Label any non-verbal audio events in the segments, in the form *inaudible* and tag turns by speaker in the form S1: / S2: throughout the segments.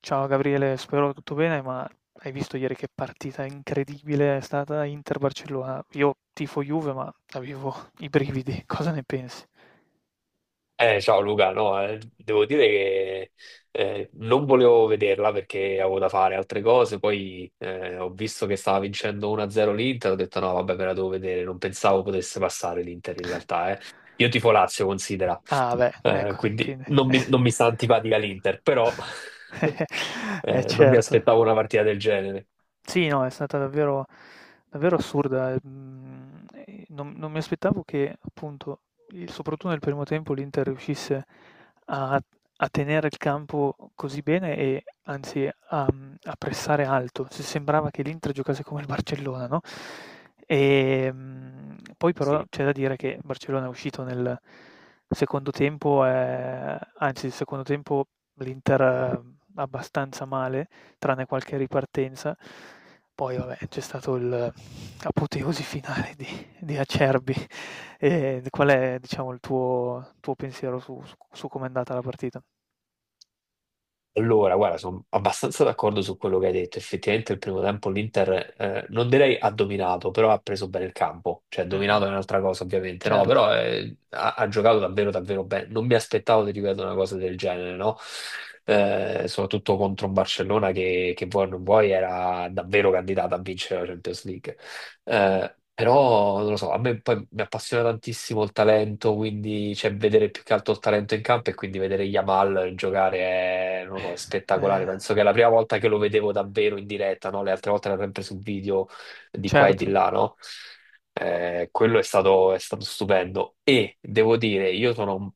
S1: Ciao Gabriele, spero tutto bene, ma hai visto ieri che partita incredibile è stata Inter-Barcellona? Io tifo Juve, ma avevo i brividi, *laughs* cosa ne pensi?
S2: Ciao Luca, no, devo dire che non volevo vederla perché avevo da fare altre cose, poi ho visto che stava vincendo 1-0 l'Inter. Ho detto no, vabbè, me la devo vedere. Non pensavo potesse passare l'Inter in
S1: *laughs*
S2: realtà, eh. Io tifo Lazio, considera,
S1: Ah, beh, ecco,
S2: quindi
S1: quindi.
S2: non mi sta antipatica l'Inter, però
S1: *laughs*
S2: *laughs*
S1: Eh
S2: non mi
S1: certo.
S2: aspettavo una partita del genere.
S1: Sì, no, è stata davvero davvero assurda. Mhmm, non mi aspettavo che appunto, il soprattutto nel primo tempo l'Inter riuscisse a a tenere il campo così bene e anzi a pressare alto. Se sembrava che l'Inter giocasse come il Barcellona, no. Poi però
S2: Sì.
S1: c'è da dire che il Barcellona è uscito nel secondo tempo, anzi il secondo tempo l'Inter abbastanza male, tranne qualche ripartenza. Poi vabbè, c'è stato il apoteosi finale di, Acerbi. E qual è, diciamo, il tuo pensiero su com'è andata la partita?
S2: Allora, guarda, sono abbastanza d'accordo su quello che hai detto. Effettivamente il primo tempo l'Inter, non direi ha dominato, però ha preso bene il campo. Cioè,
S1: Mh-mh.
S2: dominato è un'altra cosa, ovviamente, no,
S1: Certo,
S2: però ha giocato davvero, davvero bene. Non mi aspettavo, ti ripeto, una cosa del genere, no? Soprattutto contro un Barcellona che vuoi o non vuoi era davvero candidata a vincere la Champions League. Però non lo so, a me poi mi appassiona tantissimo il talento, quindi cioè, vedere più che altro il talento in campo e quindi vedere Yamal giocare è, non lo so, è spettacolare.
S1: eh,
S2: Penso che è la prima volta che lo vedevo davvero in diretta, no? Le altre volte era sempre sul video di qua e di
S1: certo,
S2: là, no? Quello è stato stupendo. E devo dire, io sono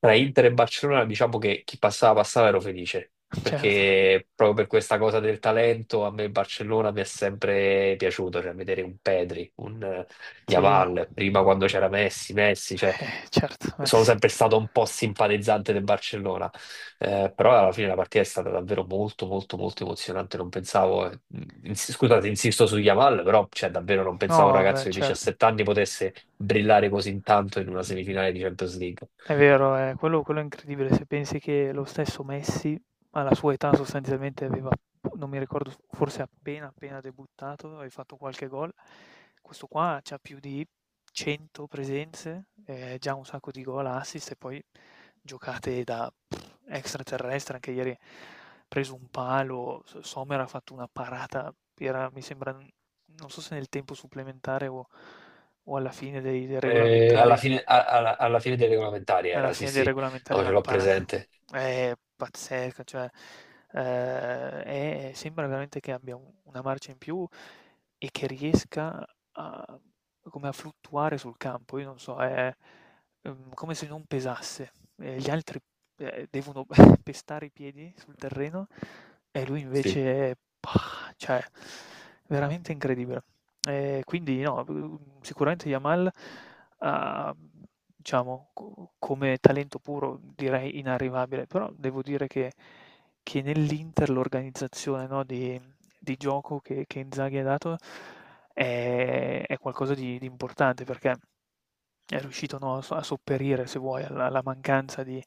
S2: tra Inter e Barcellona, diciamo che chi passava passava ero felice
S1: certo,
S2: perché proprio per questa cosa del talento a me il Barcellona mi è sempre piaciuto, cioè vedere un Pedri, un
S1: sì,
S2: Yamal, prima quando c'era Messi, Messi, cioè
S1: certo, eh
S2: sono
S1: sì.
S2: sempre stato un po' simpatizzante del Barcellona. Però alla fine la partita è stata davvero molto molto molto emozionante, non pensavo, scusate, insisto su Yamal, però cioè, davvero non
S1: No,
S2: pensavo un
S1: beh,
S2: ragazzo di
S1: certo.
S2: 17 anni potesse brillare così tanto in una semifinale di Champions League.
S1: È vero, quello è incredibile. Se pensi che lo stesso Messi, alla sua età, sostanzialmente aveva, non mi ricordo, forse appena debuttato, aveva fatto qualche gol. Questo qua c'ha più di 100 presenze, già un sacco di gol, assist, e poi giocate da pff, extraterrestre. Anche ieri ha preso un palo, Sommer ha fatto una parata, era, mi sembra, non so se nel tempo supplementare o alla fine dei
S2: Alla
S1: regolamentari,
S2: fine, alla fine dei regolamentari era, sì, sì, no, ce
S1: una
S2: l'ho
S1: parata
S2: presente.
S1: è pazzesca, cioè, è sembra veramente che abbia u una marcia in più e che riesca a come a fluttuare sul campo. Io non so, come se non pesasse, e gli altri, devono *laughs* pestare i piedi sul terreno, e lui
S2: Sì.
S1: invece pah, cioè veramente incredibile. Quindi no, sicuramente Yamal ha Diciamo, co come talento puro direi inarrivabile, però devo dire che nell'Inter l'organizzazione, no, di gioco che Inzaghi ha dato è qualcosa di importante, perché è riuscito, no, a sopperire, se vuoi, alla mancanza di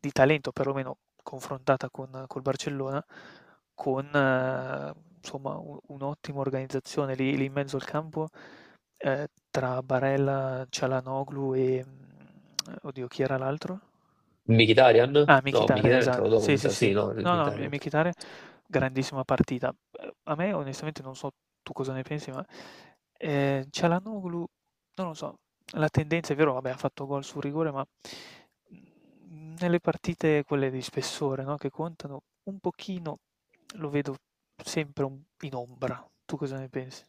S1: di talento, perlomeno confrontata con col Barcellona, con insomma u un'ottima organizzazione lì lì in mezzo al campo, ehm, tra Barella, Çalhanoğlu e, oddio, chi era l'altro?
S2: Mkhitaryan?
S1: Ah,
S2: No,
S1: Mkhitaryan,
S2: Mkhitaryan è
S1: esa
S2: entrato dopo,
S1: sì,
S2: mi
S1: sì,
S2: sa, sì,
S1: sì.
S2: no, il
S1: No, no, M
S2: Mkhitaryan.
S1: Mkhitaryan, grandissima partita. A me, onestamente, non so tu cosa ne pensi, ma, Çalhanoğlu, non lo so, la tendenza, è vero, vabbè, ha fatto gol sul rigore, ma, nelle partite quelle di spessore, no, che contano, un pochino lo vedo sempre un in ombra. Tu cosa ne pensi?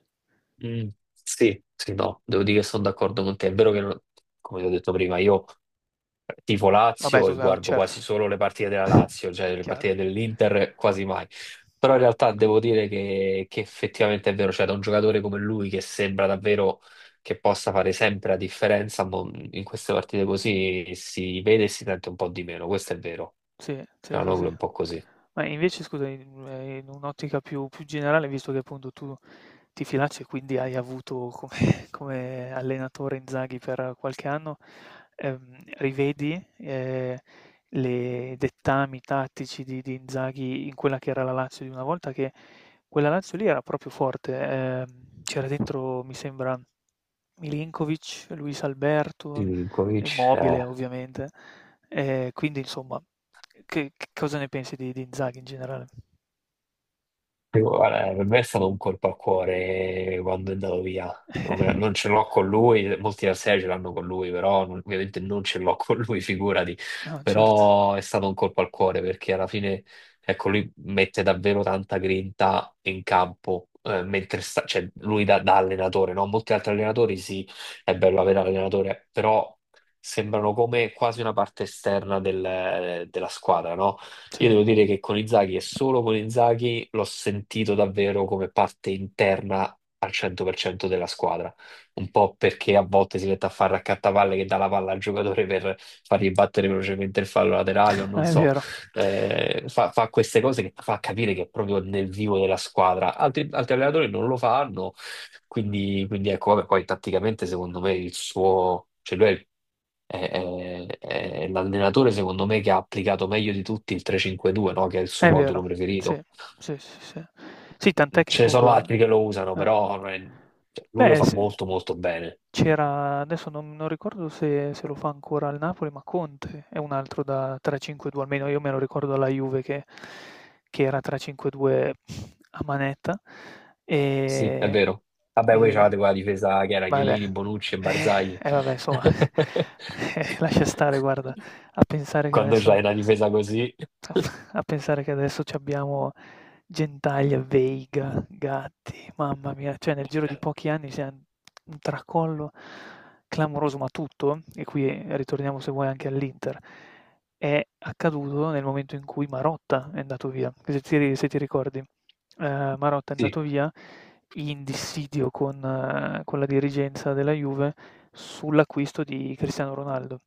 S2: Mm, sì, sì, no, devo dire che sono d'accordo con te. È vero che, come ti ho detto prima, io tifo
S1: Vabbè,
S2: Lazio
S1: tu
S2: e guardo quasi
S1: certo,
S2: solo le partite della
S1: *laughs*
S2: Lazio, cioè le partite
S1: chiaro.
S2: dell'Inter quasi mai. Però in realtà devo dire che effettivamente è vero, cioè da un giocatore come lui che sembra davvero che possa fare sempre la differenza, mo in queste partite così si vede e si sente un po' di meno, questo è vero.
S1: Sì, sì, sì,
S2: Cianoglu
S1: sì.
S2: è un po' così.
S1: Ma invece scusami, in un'ottica più generale, visto che appunto tu ti filacci e quindi hai avuto come *laughs* come allenatore Inzaghi per qualche anno, rivedi, le dettami tattici di Inzaghi in quella che era la Lazio di una volta? Che quella Lazio lì era proprio forte, c'era dentro, mi sembra, Milinkovic, Luis Alberto,
S2: Milinkovic,
S1: Immobile
S2: eh.
S1: ovviamente, quindi insomma, che cosa ne pensi di Inzaghi in generale?
S2: Sì, guarda, per me è stato un colpo al cuore quando è andato via. Non
S1: *laughs*
S2: ce l'ho con lui, molti avversari ce l'hanno con lui, però ovviamente non ce l'ho con lui, *laughs* figurati.
S1: No, certo.
S2: Però è stato un colpo al cuore perché alla fine, ecco, lui mette davvero tanta grinta in campo, mentre sta, cioè, lui da allenatore, no? Molti altri allenatori, sì, è bello avere l'allenatore, però sembrano come quasi una parte esterna della squadra, no?
S1: Sì,
S2: Io devo dire che con Inzaghi e solo con Inzaghi l'ho sentito davvero come parte interna al 100% della squadra. Un po' perché a volte si mette a fare raccattavalle che dà la palla al giocatore per fargli battere velocemente il fallo laterale o non
S1: è
S2: so.
S1: vero,
S2: Fa queste cose che fa capire che è proprio nel vivo della squadra. Altri allenatori non lo fanno, quindi ecco, vabbè, poi tatticamente secondo me il suo... Cioè lui è il è l'allenatore, secondo me, che ha applicato meglio di tutti il 3-5-2, no? Che è il suo
S1: è
S2: modulo
S1: vero. Sì,
S2: preferito.
S1: sì, sì, sì. Sì, tant'è che
S2: Ce ne sono
S1: appunto
S2: altri che lo usano,
S1: eh. eh.
S2: però non è- cioè, lui lo
S1: Beh,
S2: fa
S1: s
S2: molto molto bene.
S1: c'era, adesso non ricordo se lo fa ancora al Napoli, ma Conte è un altro da 3-5-2, almeno io me lo ricordo alla Juve che era 3-5-2 a manetta,
S2: Sì, è
S1: ehm,
S2: vero. Vabbè, voi
S1: e
S2: c'avete quella difesa che era
S1: Vabbè,
S2: Chiellini, Bonucci e
S1: eh,
S2: Barzagli.
S1: vabbè insomma, *laughs*
S2: *laughs*
S1: lascia stare, guarda, a pensare che
S2: Quando c'hai
S1: adesso
S2: una difesa così,
S1: c'abbiamo Gentaglia, Veiga, Gatti, mamma mia, cioè nel giro di pochi anni c'è un tracollo clamoroso. Ma tutto, e qui ritorniamo se vuoi anche all'Inter, è accaduto nel momento in cui Marotta è andato via, se ti ricordi, Marotta è
S2: sì,
S1: andato via in dissidio con la dirigenza della Juve sull'acquisto di Cristiano Ronaldo.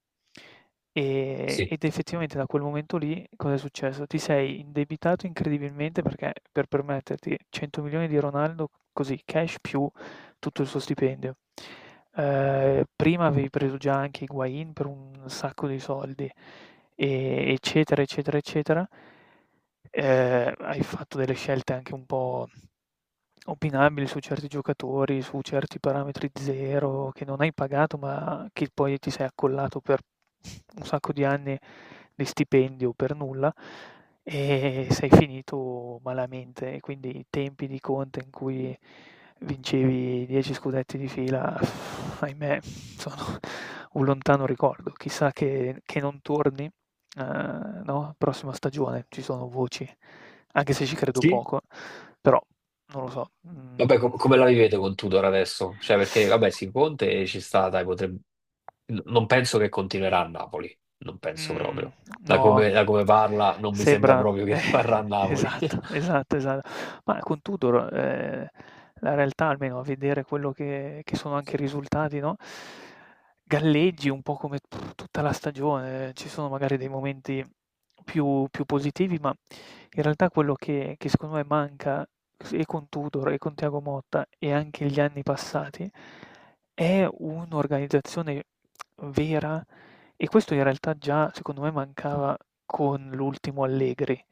S1: Ehm,
S2: sì,
S1: ed effettivamente da quel momento lì cosa è successo? Ti sei indebitato incredibilmente, perché per permetterti 100 milioni di Ronaldo così cash, più tutto il suo stipendio. Prima avevi preso già anche Higuain per un sacco di soldi, eccetera, eccetera, eccetera. Hai fatto delle scelte anche un po' opinabile su certi giocatori, su certi parametri 0 che non hai pagato, ma che poi ti sei accollato per un sacco di anni di stipendio per nulla, e sei finito malamente. E quindi i tempi di Conte in cui vincevi 10 scudetti di fila, ahimè, sono un lontano ricordo. Chissà che non torni, eh, no? Prossima stagione ci sono voci, anche se ci credo
S2: sì.
S1: poco, però, non lo so,
S2: Vabbè,
S1: mhmm
S2: come la vivete con Tudor adesso? Cioè, perché, vabbè, sì, Conte ci sta, dai, potrebbe... Non penso che continuerà a Napoli, non penso
S1: Mh,
S2: proprio. Da
S1: no,
S2: come, da come parla, non mi sembra
S1: sembra
S2: proprio che *laughs* rimarrà a
S1: *laughs*
S2: Napoli.
S1: esatto,
S2: *laughs*
S1: esatto, esatto. Ma con Tudor, la realtà, almeno a vedere quello che sono anche i risultati, no, galleggi un po' come tutta la stagione. Ci sono magari dei momenti più positivi, ma in realtà quello che secondo me manca s e con Tudor e con Thiago Motta, e anche gli anni passati, è un'organizzazione vera, e questo in realtà già secondo me mancava con l'ultimo Allegri.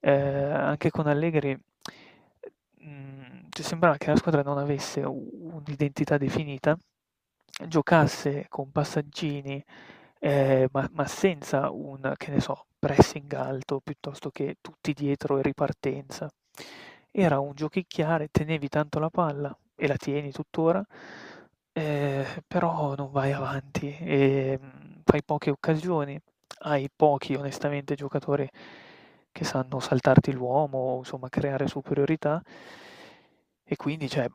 S1: Anche con Allegri, mhmm, cioè sembrava che la squadra non avesse u un'identità definita, giocasse con passaggini, ma senza un, che ne so, pressing alto piuttosto che tutti dietro e ripartenza. Era un giochicchiare, tenevi tanto la palla e la tieni tuttora, però non vai avanti, fai poche occasioni, hai pochi, onestamente, giocatori che sanno saltarti l'uomo o insomma creare superiorità, e quindi, cioè,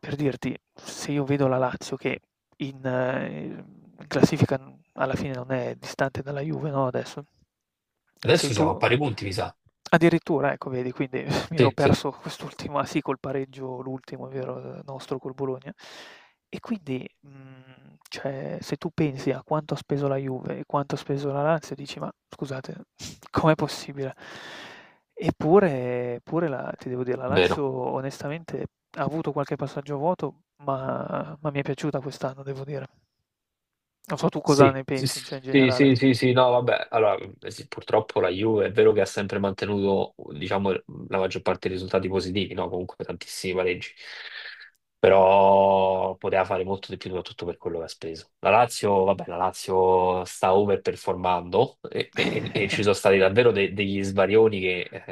S1: per dirti, se io vedo la Lazio che in ehm, in classifica, n alla fine, non è distante dalla Juve, no, adesso? Sei
S2: Adesso
S1: tu
S2: siamo a pari punti, mi sa.
S1: addirittura, ecco vedi, quindi *laughs* mi ero
S2: Sì, sì,
S1: perso quest'ultimo, ah sì, col pareggio l'ultimo, è vero, nostro col Bologna. E quindi, cioè, se tu pensi a quanto ha speso la Juve e quanto ha speso la Lazio, dici: "Ma scusate, *laughs* com'è possibile?" Eppure la ti devo dire, la Lazio
S2: vero.
S1: onestamente ha avuto qualche passaggio vuoto, ma mi è piaciuta quest'anno, devo dire. Non so tu cosa
S2: Sì,
S1: ne
S2: sì,
S1: pensi, cioè in
S2: sì,
S1: generale.
S2: sì, sì, sì, no, vabbè, allora, sì, purtroppo la Juve è vero che ha sempre mantenuto, diciamo, la maggior parte dei risultati positivi, no? Comunque tantissimi pareggi, però poteva fare molto di più soprattutto per quello che ha speso. La Lazio, vabbè, la Lazio sta overperformando e ci
S1: *laughs*
S2: sono stati davvero degli svarioni che,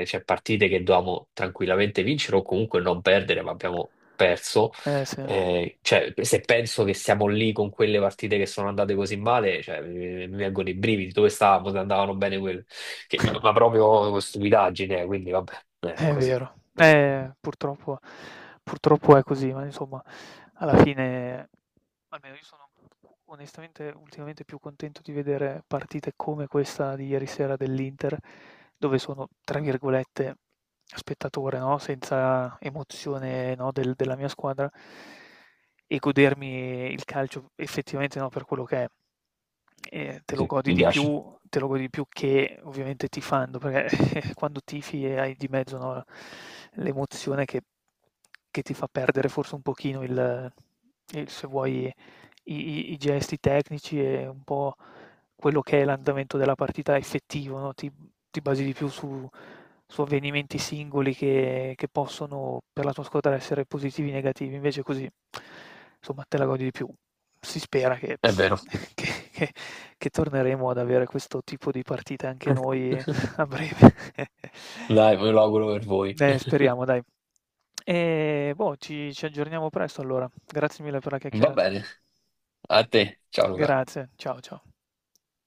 S2: cioè partite che dovevamo tranquillamente vincere o comunque non perdere, ma abbiamo perso
S1: Eh sì, *laughs*
S2: cioè, se penso che siamo lì con quelle partite che sono andate così male, cioè, mi vengono i brividi. Dove stavamo se andavano bene quelle? Che- ma, proprio stupidaggine, quindi vabbè, è
S1: è
S2: così,
S1: vero.
S2: così.
S1: Purtroppo purtroppo è così, ma insomma, alla fine, almeno io sono, onestamente, ultimamente più contento di vedere partite come questa di ieri sera dell'Inter, dove sono, tra virgolette, spettatore, no? Senza emozione, no, della mia squadra, e godermi il calcio effettivamente, no, per quello che è. E te lo
S2: Sì,
S1: godi
S2: mi
S1: di
S2: piace.
S1: più, che ovviamente tifando, perché *laughs* quando tifi e hai di mezzo, no, l'emozione che ti fa perdere forse un pochino se vuoi i i gesti tecnici, e un po' quello che è l'andamento della partita effettivo, no, ti basi di più su avvenimenti singoli che possono, per la tua squadra, essere positivi o negativi. Invece così, insomma, te la godi di più. Si spera che
S2: È vero.
S1: *laughs* che che che torneremo ad avere questo tipo di partite anche noi,
S2: *laughs*
S1: *laughs* a breve. *laughs*
S2: Dai, me lo auguro per voi. *laughs*
S1: Speriamo dai. E boh, ci aggiorniamo presto allora. Grazie mille per la
S2: Va
S1: chiacchierata.
S2: bene, a te. Ciao Luca.
S1: Grazie, ciao, ciao.